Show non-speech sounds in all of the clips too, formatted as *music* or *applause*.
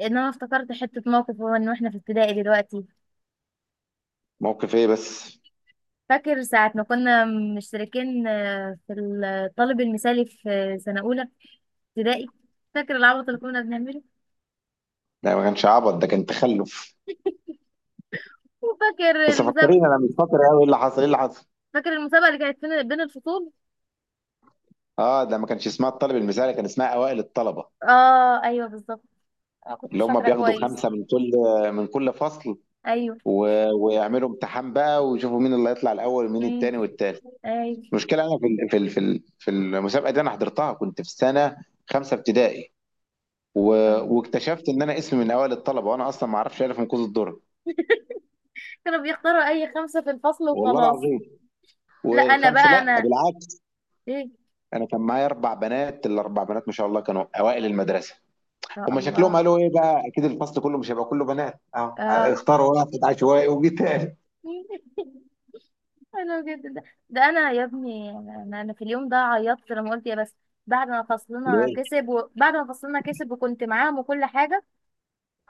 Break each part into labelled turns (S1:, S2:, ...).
S1: ان انا افتكرت حته موقف واحنا في ابتدائي دلوقتي.
S2: موقف ايه بس؟
S1: فاكر ساعه ما كنا مشتركين في الطالب المثالي في سنه اولى ابتدائي. فاكر العبط اللي كنا بنعمله،
S2: ده ما كانش عبط، ده كان تخلف.
S1: وفاكر
S2: بس
S1: المسابقه.
S2: فكريني، انا مش فاكر قوي ايه اللي حصل؟
S1: فاكر المسابقه اللي كانت بين الفصول.
S2: اه، ده ما كانش اسمها الطالب المثالي، كان اسمها اوائل الطلبه
S1: اه ايوه بالظبط. كنت مش
S2: اللي هم
S1: فاكره
S2: بياخدوا
S1: كويس.
S2: خمسه من كل فصل.
S1: ايوه.
S2: و... ويعملوا امتحان بقى، ويشوفوا مين اللي هيطلع الاول ومين
S1: امم
S2: التاني والتالت.
S1: ايوه.
S2: المشكله انا في المسابقه دي، انا حضرتها كنت في سنه خمسه ابتدائي، و...
S1: آه.
S2: واكتشفت ان انا اسمي من اوائل الطلبه، وانا اصلا ما اعرفش الف من كوز الدرة.
S1: كانوا بيختاروا اي خمسه في الفصل
S2: والله
S1: وخلاص.
S2: العظيم.
S1: لا انا
S2: والخمسه،
S1: بقى
S2: لا
S1: انا،
S2: بالعكس،
S1: ايه.
S2: انا كان معايا اربع بنات، الاربع بنات ما شاء الله كانوا اوائل المدرسه.
S1: يا
S2: هما شكلهم
S1: الله.
S2: قالوا ايه بقى، اكيد الفصل كله مش هيبقى كله بنات، اه
S1: اه.
S2: اختاروا واحد عشوائي وجيت تاني.
S1: *laughs* حلو جدا ده ده انا يا ابني، أنا في اليوم ده عيطت لما قلت يا بس. بعد ما فصلنا
S2: ليه؟
S1: كسب، وبعد ما فصلنا كسب وكنت معاهم وكل حاجه.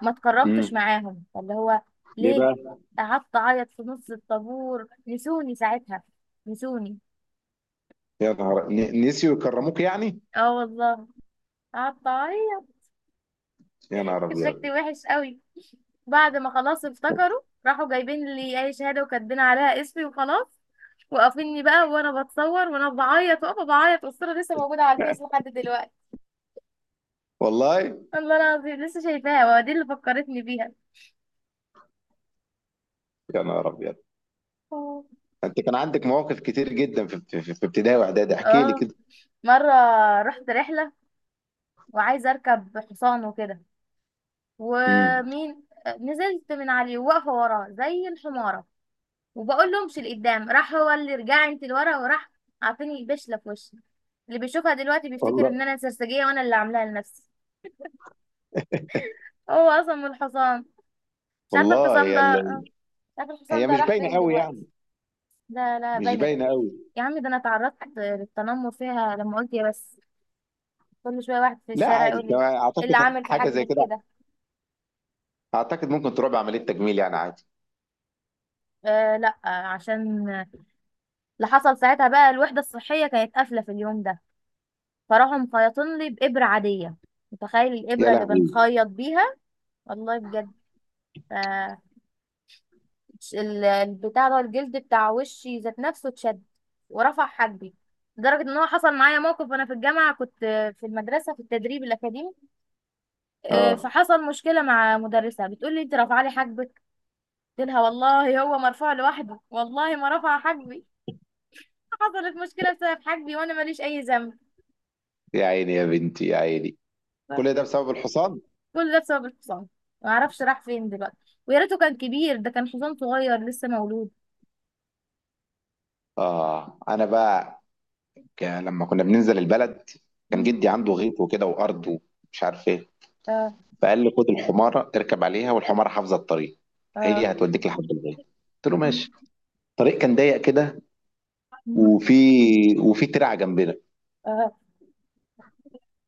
S1: ما اتكرمتش
S2: امم.
S1: معاهم اللي هو.
S2: ليه
S1: ليه.
S2: بقى؟
S1: قعدت اعيط في نص الطابور، نسوني ساعتها، نسوني.
S2: يا نهار نسيوا يكرموك يعني؟
S1: اه والله. قعدت اعيط.
S2: يا نهار
S1: *laughs* شكلي
S2: ابيض.
S1: وحش قوي. بعد ما خلاص افتكروا، راحوا جايبين لي اي شهاده وكاتبين عليها اسمي وخلاص. وقفني بقى وانا بتصور وانا بعيط، واقفه بعيط، والصوره لسه موجوده على الفيس
S2: *laughs*
S1: لحد دلوقتي.
S2: والله.
S1: والله العظيم لسه شايفاها، ودي اللي فكرتني بيها.
S2: يا نهار ابيض.
S1: آه.
S2: انت كان عندك مواقف كتير جدا في ابتدائي واعدادي، احكي لي
S1: اه،
S2: كده.
S1: مرة رحت رحلة وعايزة أركب حصان وكده.
S2: امم.
S1: ومين. نزلت من عليه وواقفة وراه زي الحمارة، وبقول له امشي لقدام، راح هو اللي رجع انت لورا وراح. عارفين يبشله في وشي. اللي بيشوفها دلوقتي بيفتكر
S2: والله
S1: ان انا سرسجية وانا اللي عاملاها لنفسي. هو اصلا من الحصان. مش عارفة
S2: والله.
S1: الحصان
S2: يا
S1: ده. مش عارفة الحصان
S2: هي
S1: ده
S2: مش
S1: راح
S2: باينه
S1: فين
S2: قوي يعني.
S1: دلوقتي. لا لا،
S2: مش
S1: باينة ده.
S2: باينه قوي.
S1: يا عم، ده انا اتعرضت للتنمر فيها لما قلت يا بس. كل شويه واحد في
S2: لا
S1: الشارع يقول
S2: عادي،
S1: لي
S2: أنا
S1: ايه اللي
S2: اعتقد
S1: عامل في
S2: حاجه زي
S1: حاجبك
S2: كده.
S1: كده.
S2: اعتقد ممكن تروح بعمليه تجميل يعني، عادي.
S1: آه لا، عشان اللي حصل ساعتها بقى الوحده الصحيه كانت قافله في اليوم ده. فراحوا مخيطين لي بابره عاديه. متخيل
S2: يا
S1: الابره اللي
S2: لهوي.
S1: بنخيط بيها. والله بجد. آه. البتاع ده، الجلد بتاع وشي ذات نفسه اتشد ورفع حاجبي، لدرجه ان هو حصل معايا موقف وانا في الجامعه كنت، في المدرسه في التدريب الاكاديمي.
S2: اه.
S1: فحصل مشكله مع مدرسه بتقول لي انت رافعه لي حاجبك. قلت لها والله هو مرفوع لوحده، والله ما رفع حاجبي. حصلت مشكله بسبب حاجبي وانا ماليش اي ذنب.
S2: يا عيني يا بنتي، يا عيني. كل ده
S1: فبجد،
S2: بسبب الحصان.
S1: كل ده بسبب الحصان. ما اعرفش راح فين دلوقتي. ويا ريته كان كبير، ده كان حصان صغير لسه مولود.
S2: اه انا بقى، لما كنا بننزل البلد كان
S1: مم.
S2: جدي عنده غيط وكده وارض ومش عارف ايه،
S1: آه.
S2: فقال لي خد الحماره اركب عليها والحماره حافظه الطريق،
S1: آه.
S2: هي هتوديك لحد الغيط. قلت له
S1: مم.
S2: ماشي. الطريق كان ضيق كده،
S1: مم.
S2: وفي ترعه جنبنا،
S1: آه.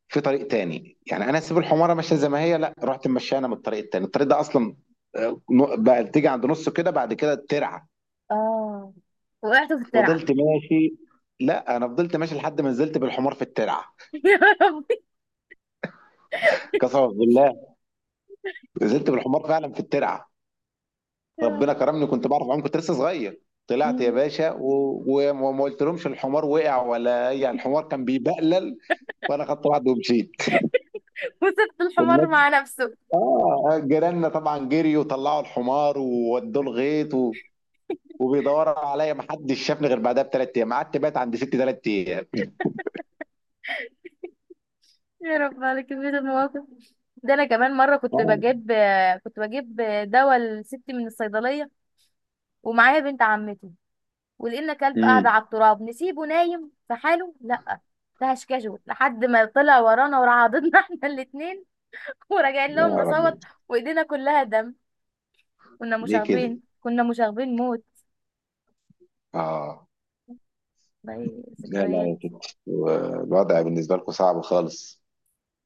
S2: في طريق تاني. يعني انا اسيب الحماره ماشيه زي ما هي؟ لا، رحت ماشيه انا من الطريق التاني. الطريق ده اصلا بقى تيجي عند نصه كده، بعد كده الترعه.
S1: آه وقعت في الترعه.
S2: فضلت ماشي لا انا فضلت ماشي لحد ما نزلت بالحمار في الترعه.
S1: *laughs* يا ربي.
S2: قسما بالله، نزلت بالحمار فعلا في الترعه. ربنا كرمني، كنت بعرف اعوم، كنت لسه صغير. طلعت يا
S1: مم.
S2: باشا و- و- وما قلت لهمش الحمار وقع ولا اي، يعني
S1: *laughs*
S2: الحمار كان بيبقلل. وانا خدت بعض ومشيت.
S1: وسبت الحمار
S2: والناس،
S1: مع نفسه.
S2: اه جيراننا طبعا جريوا وطلعوا الحمار وودوه الغيط وبيدوروا عليا، ما حدش شافني غير بعدها ب3 ايام. قعدت بات عند ستي 3 ايام.
S1: يا رب على كمية المواقف. ده انا كمان مرة
S2: آه.
S1: كنت بجيب دواء لستي من الصيدلية ومعايا بنت عمتي. ولقينا كلب قاعد
S2: امم.
S1: على التراب، نسيبه نايم في حاله. لا، ده هشكشه لحد ما طلع ورانا وراح *laughs* احنا الاتنين. وراجعين
S2: يا
S1: لهم
S2: رب.
S1: نصوت، وايدينا كلها دم. كنا
S2: ليه كده؟
S1: مشاغبين، كنا مشاغبين موت.
S2: اه.
S1: والله
S2: لا لا
S1: ذكريات.
S2: يا كده، الوضع بالنسبة لكم صعب خالص.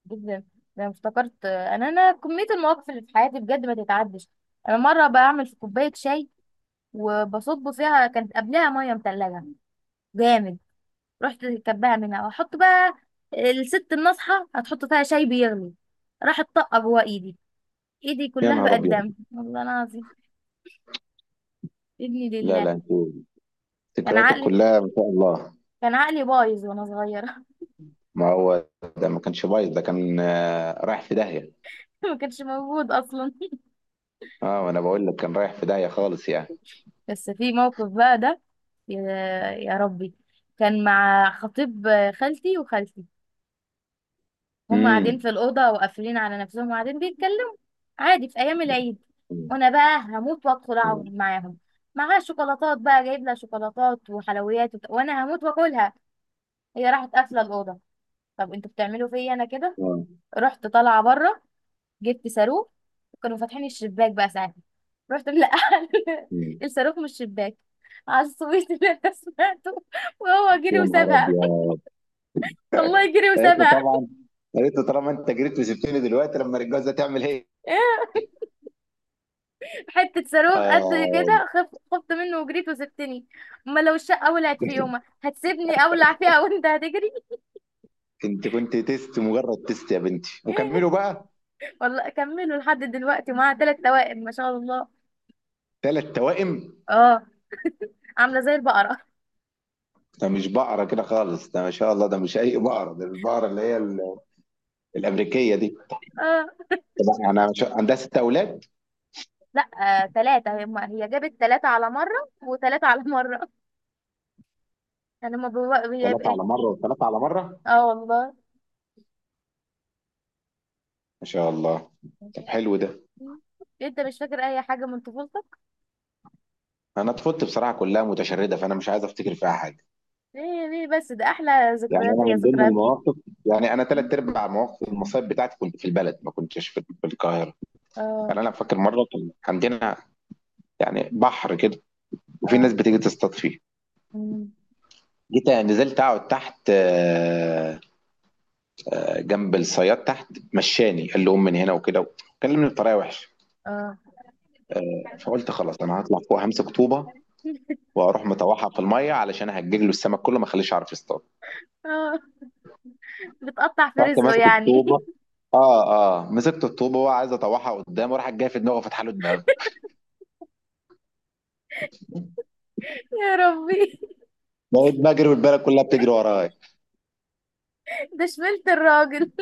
S1: جدا. ده أنا افتكرت انا كمية المواقف اللي في حياتي بجد ما تتعدش. انا مرة بعمل في كوباية شاي وبصب فيها، كانت قبلها ميه متلجه جامد. رحت كبها منها واحط بقى الست الناصحه هتحط فيها شاي بيغلي. راحت طاقه جوه ايدي. ايدي
S2: يا
S1: كلها
S2: نهار
S1: بقت
S2: أبيض.
S1: دم والله العظيم. ابني
S2: لا لا
S1: لله.
S2: انتوا،
S1: كان
S2: ذكرياتك
S1: عقلي
S2: كلها ما شاء الله.
S1: كان عقلي بايظ وانا صغيره.
S2: ما هو ده ما كانش بايظ، ده كان رايح في داهية.
S1: *laughs* ما كانش موجود اصلا.
S2: اه، وأنا بقول لك كان رايح في داهية خالص يعني.
S1: بس في موقف بقى ده. يا يا ربي. كان مع خطيب خالتي وخالتي، هم قاعدين
S2: امم.
S1: في الأوضة وقافلين على نفسهم وقاعدين بيتكلموا عادي في أيام العيد. وأنا بقى هموت وأدخل أقعد معاهم. معاها شوكولاتات بقى، جايب لها شوكولاتات وحلويات وأنا هموت وأكلها. هي راحت قافلة الأوضة. طب انتوا بتعملوا فيا أنا كده.
S2: آه.
S1: رحت طالعة بره، جبت صاروخ. كانوا فاتحين الشباك بقى ساعتها. رحت ملقحة *laughs*
S2: مم.
S1: الصاروخ من الشباك على الصويت اللي انا سمعته. وهو جري
S2: يا نهار
S1: وسابها.
S2: أبيض.
S1: *laughs* والله جري
S2: قالت له
S1: وسابها.
S2: طبعا، قالت له طالما أنت جريت وسبتني دلوقتي، لما الجوازة تعمل إيه؟
S1: إيه؟ حتة صاروخ قد
S2: آه.
S1: كده خفت منه وجريت وسبتني. ما لو الشقة ولعت في يومها هتسيبني اولع فيها وانت هتجري.
S2: انت كنت تيست، مجرد تيست يا بنتي، وكملوا بقى.
S1: *laughs* والله كملوا لحد دلوقتي، معاها ثلاث توائم ما شاء الله.
S2: ثلاث توائم.
S1: اه. عاملة زي البقرة *laughs*
S2: ده مش بقرة كده خالص، ده ما شاء الله، ده مش أي بقرة، ده البقرة اللي هي الأمريكية دي.
S1: اه
S2: طب، أنا مش... عندها ست أولاد؟
S1: لا، ثلاثة. هي هي جابت ثلاثة على مرة وثلاثة على مرة. *laughs* يعني ما هي
S2: ثلاثة
S1: بإيه.
S2: على مرة وثلاثة على مرة.
S1: اه والله.
S2: ما شاء الله.
S1: ما
S2: طب
S1: شاء
S2: حلو ده.
S1: الله. انت مش فاكر اي حاجة من طفولتك؟
S2: أنا طفولتي بصراحة كلها متشردة، فأنا مش عايز أفتكر فيها حاجة.
S1: ليه ليه بس؟ ده احلى
S2: يعني
S1: ذكريات،
S2: أنا
S1: هي
S2: من ضمن
S1: ذكريات.
S2: المواقف، يعني أنا ثلاث أرباع مواقف المصايب بتاعتي كنت في البلد، ما كنتش في القاهرة.
S1: اه.
S2: يعني أنا فاكر مرة كان عندنا يعني بحر كده، وفي ناس بتيجي تصطاد فيه.
S1: اه.
S2: جيت نزلت أقعد تحت، جنب الصياد تحت، مشاني، قال له قوم من هنا وكده، كلمني بطريقه وحشه.
S1: اه.
S2: فقلت خلاص انا هطلع فوق، همسك طوبه
S1: *laughs*
S2: واروح مطوحها في الميه، علشان هجيج له السمك كله، ما اخليش يعرف يصطاد.
S1: اه. بتقطع في
S2: رحت
S1: رزقه
S2: ماسك
S1: يعني.
S2: الطوبه. اه. اه، مسكت الطوبه وهو عايز اطوحها قدام، وراح جاي في دماغه وفتح له دماغه.
S1: *laughs* يا ربي.
S2: بقيت بجري والبلد كلها بتجري ورايا.
S1: ده شملت الراجل.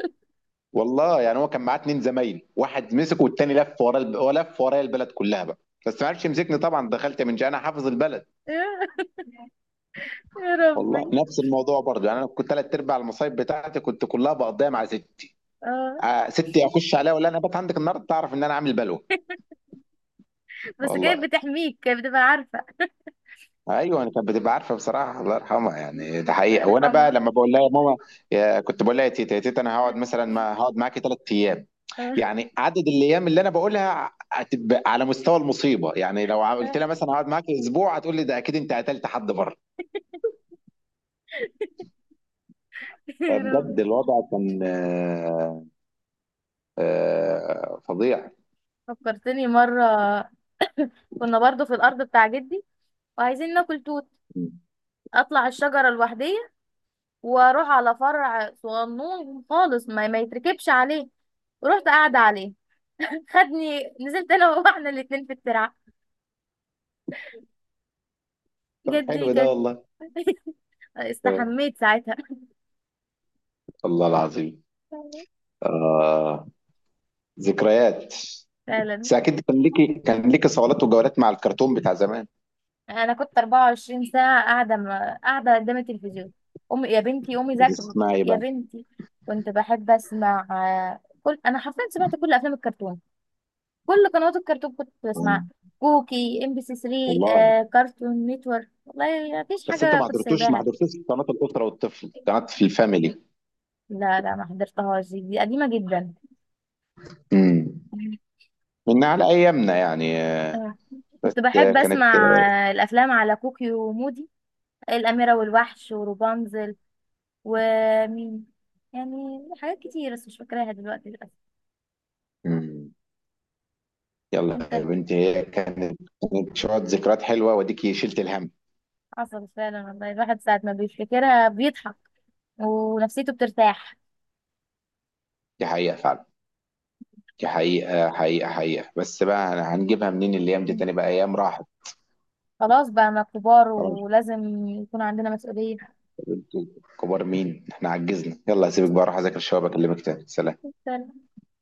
S2: والله يعني هو كان معاه اتنين زمايلي، واحد مسك والتاني لف ورا هو لف ورايا البلد كلها بقى، بس ما عرفش يمسكني طبعا، دخلت من جاي، انا حافظ البلد.
S1: *laughs* يا يا
S2: والله
S1: ربي.
S2: نفس الموضوع برضه. يعني انا كنت ثلاث ارباع المصايب بتاعتي كنت كلها بقضيها مع ستي.
S1: اه.
S2: ستي، اخش عليها ولا انا بات عندك النهارده؟ تعرف ان انا عامل بلوه.
S1: بس كانت
S2: والله.
S1: بتحميك، كانت بتبقى عارفة.
S2: ايوه، انا كانت بتبقى عارفه بصراحه، الله يرحمها، يعني ده
S1: الله
S2: حقيقه. وانا بقى
S1: يرحمها.
S2: لما بقول لها يا ماما، يا كنت بقول لها يا تيتا يا تيتا، انا
S1: آه.
S2: هقعد مثلا، ما هقعد معاكي 3 ايام،
S1: آه.
S2: يعني عدد الايام اللي انا بقولها هتبقى على مستوى المصيبه. يعني لو قلت لها مثلا هقعد معاكي اسبوع، هتقول لي ده اكيد انت قتلت حد بره.
S1: *laughs* يا
S2: فبجد
S1: ربي.
S2: الوضع كان فظيع.
S1: فكرتني مرة. كنا برضو في الأرض بتاع جدي وعايزين ناكل توت. أطلع الشجرة لوحدية وأروح على فرع صغنون خالص ما يتركبش عليه. ورحت قاعدة عليه. خدني، نزلت انا وهو احنا الاتنين في الترعه.
S2: طب
S1: جدي
S2: حلو ده
S1: كان
S2: والله.
S1: *laughs*
S2: آه،
S1: استحميت ساعتها.
S2: الله العظيم. آه، ذكريات.
S1: فعلا.
S2: بس اكيد كان ليكي، كان ليكي صولات وجولات مع الكرتون بتاع زمان.
S1: انا كنت 24 ساعه قاعده قدام التلفزيون. امي يا بنتي قومي ذاكري.
S2: بتسمعي
S1: يا
S2: بقى؟
S1: بنتي. كنت بحب اسمع كل، انا حرفيا سمعت كل افلام الكرتون. كل قنوات الكرتون كنت
S2: يعني
S1: بسمعها. كوكي، ام بي سي 3،
S2: والله.
S1: كارتون نيتورك. والله مفيش
S2: بس انتوا
S1: حاجه
S2: ما
S1: كنت
S2: حضرتوش، ما
S1: سايباها.
S2: حضرتوش قناه الاسره والطفل؟ قناه في الفاميلي.
S1: لا لا، ما حضرتهاش. دي قديمه جدا.
S2: امم. من على ايامنا يعني،
S1: آه.
S2: بس
S1: كنت بحب
S2: كانت.
S1: اسمع الافلام على كوكي ومودي، الاميره والوحش وروبانزل. ومين يعني. حاجات كتير بس مش فاكراها دلوقتي للاسف.
S2: امم. يلا
S1: انت.
S2: يا بنتي، هي كانت، كانت شويه ذكريات حلوه، واديكي شلت الهم.
S1: عصبي فعلا والله، الواحد ساعه ما بيفتكرها بيضحك ونفسيته بترتاح.
S2: دي حقيقه فعلا، دي حقيقه حقيقه حقيقه. بس بقى أنا هنجيبها منين الايام دي
S1: مم.
S2: تاني بقى؟ ايام راحت.
S1: خلاص بقى، ما كبار
S2: خلاص
S1: ولازم يكون عندنا مسؤوليه.
S2: يا بنتي، كبار مين احنا؟ عجزنا. يلا سيبك بقى، اروح اذاكر شويه، بكلمك تاني. سلام.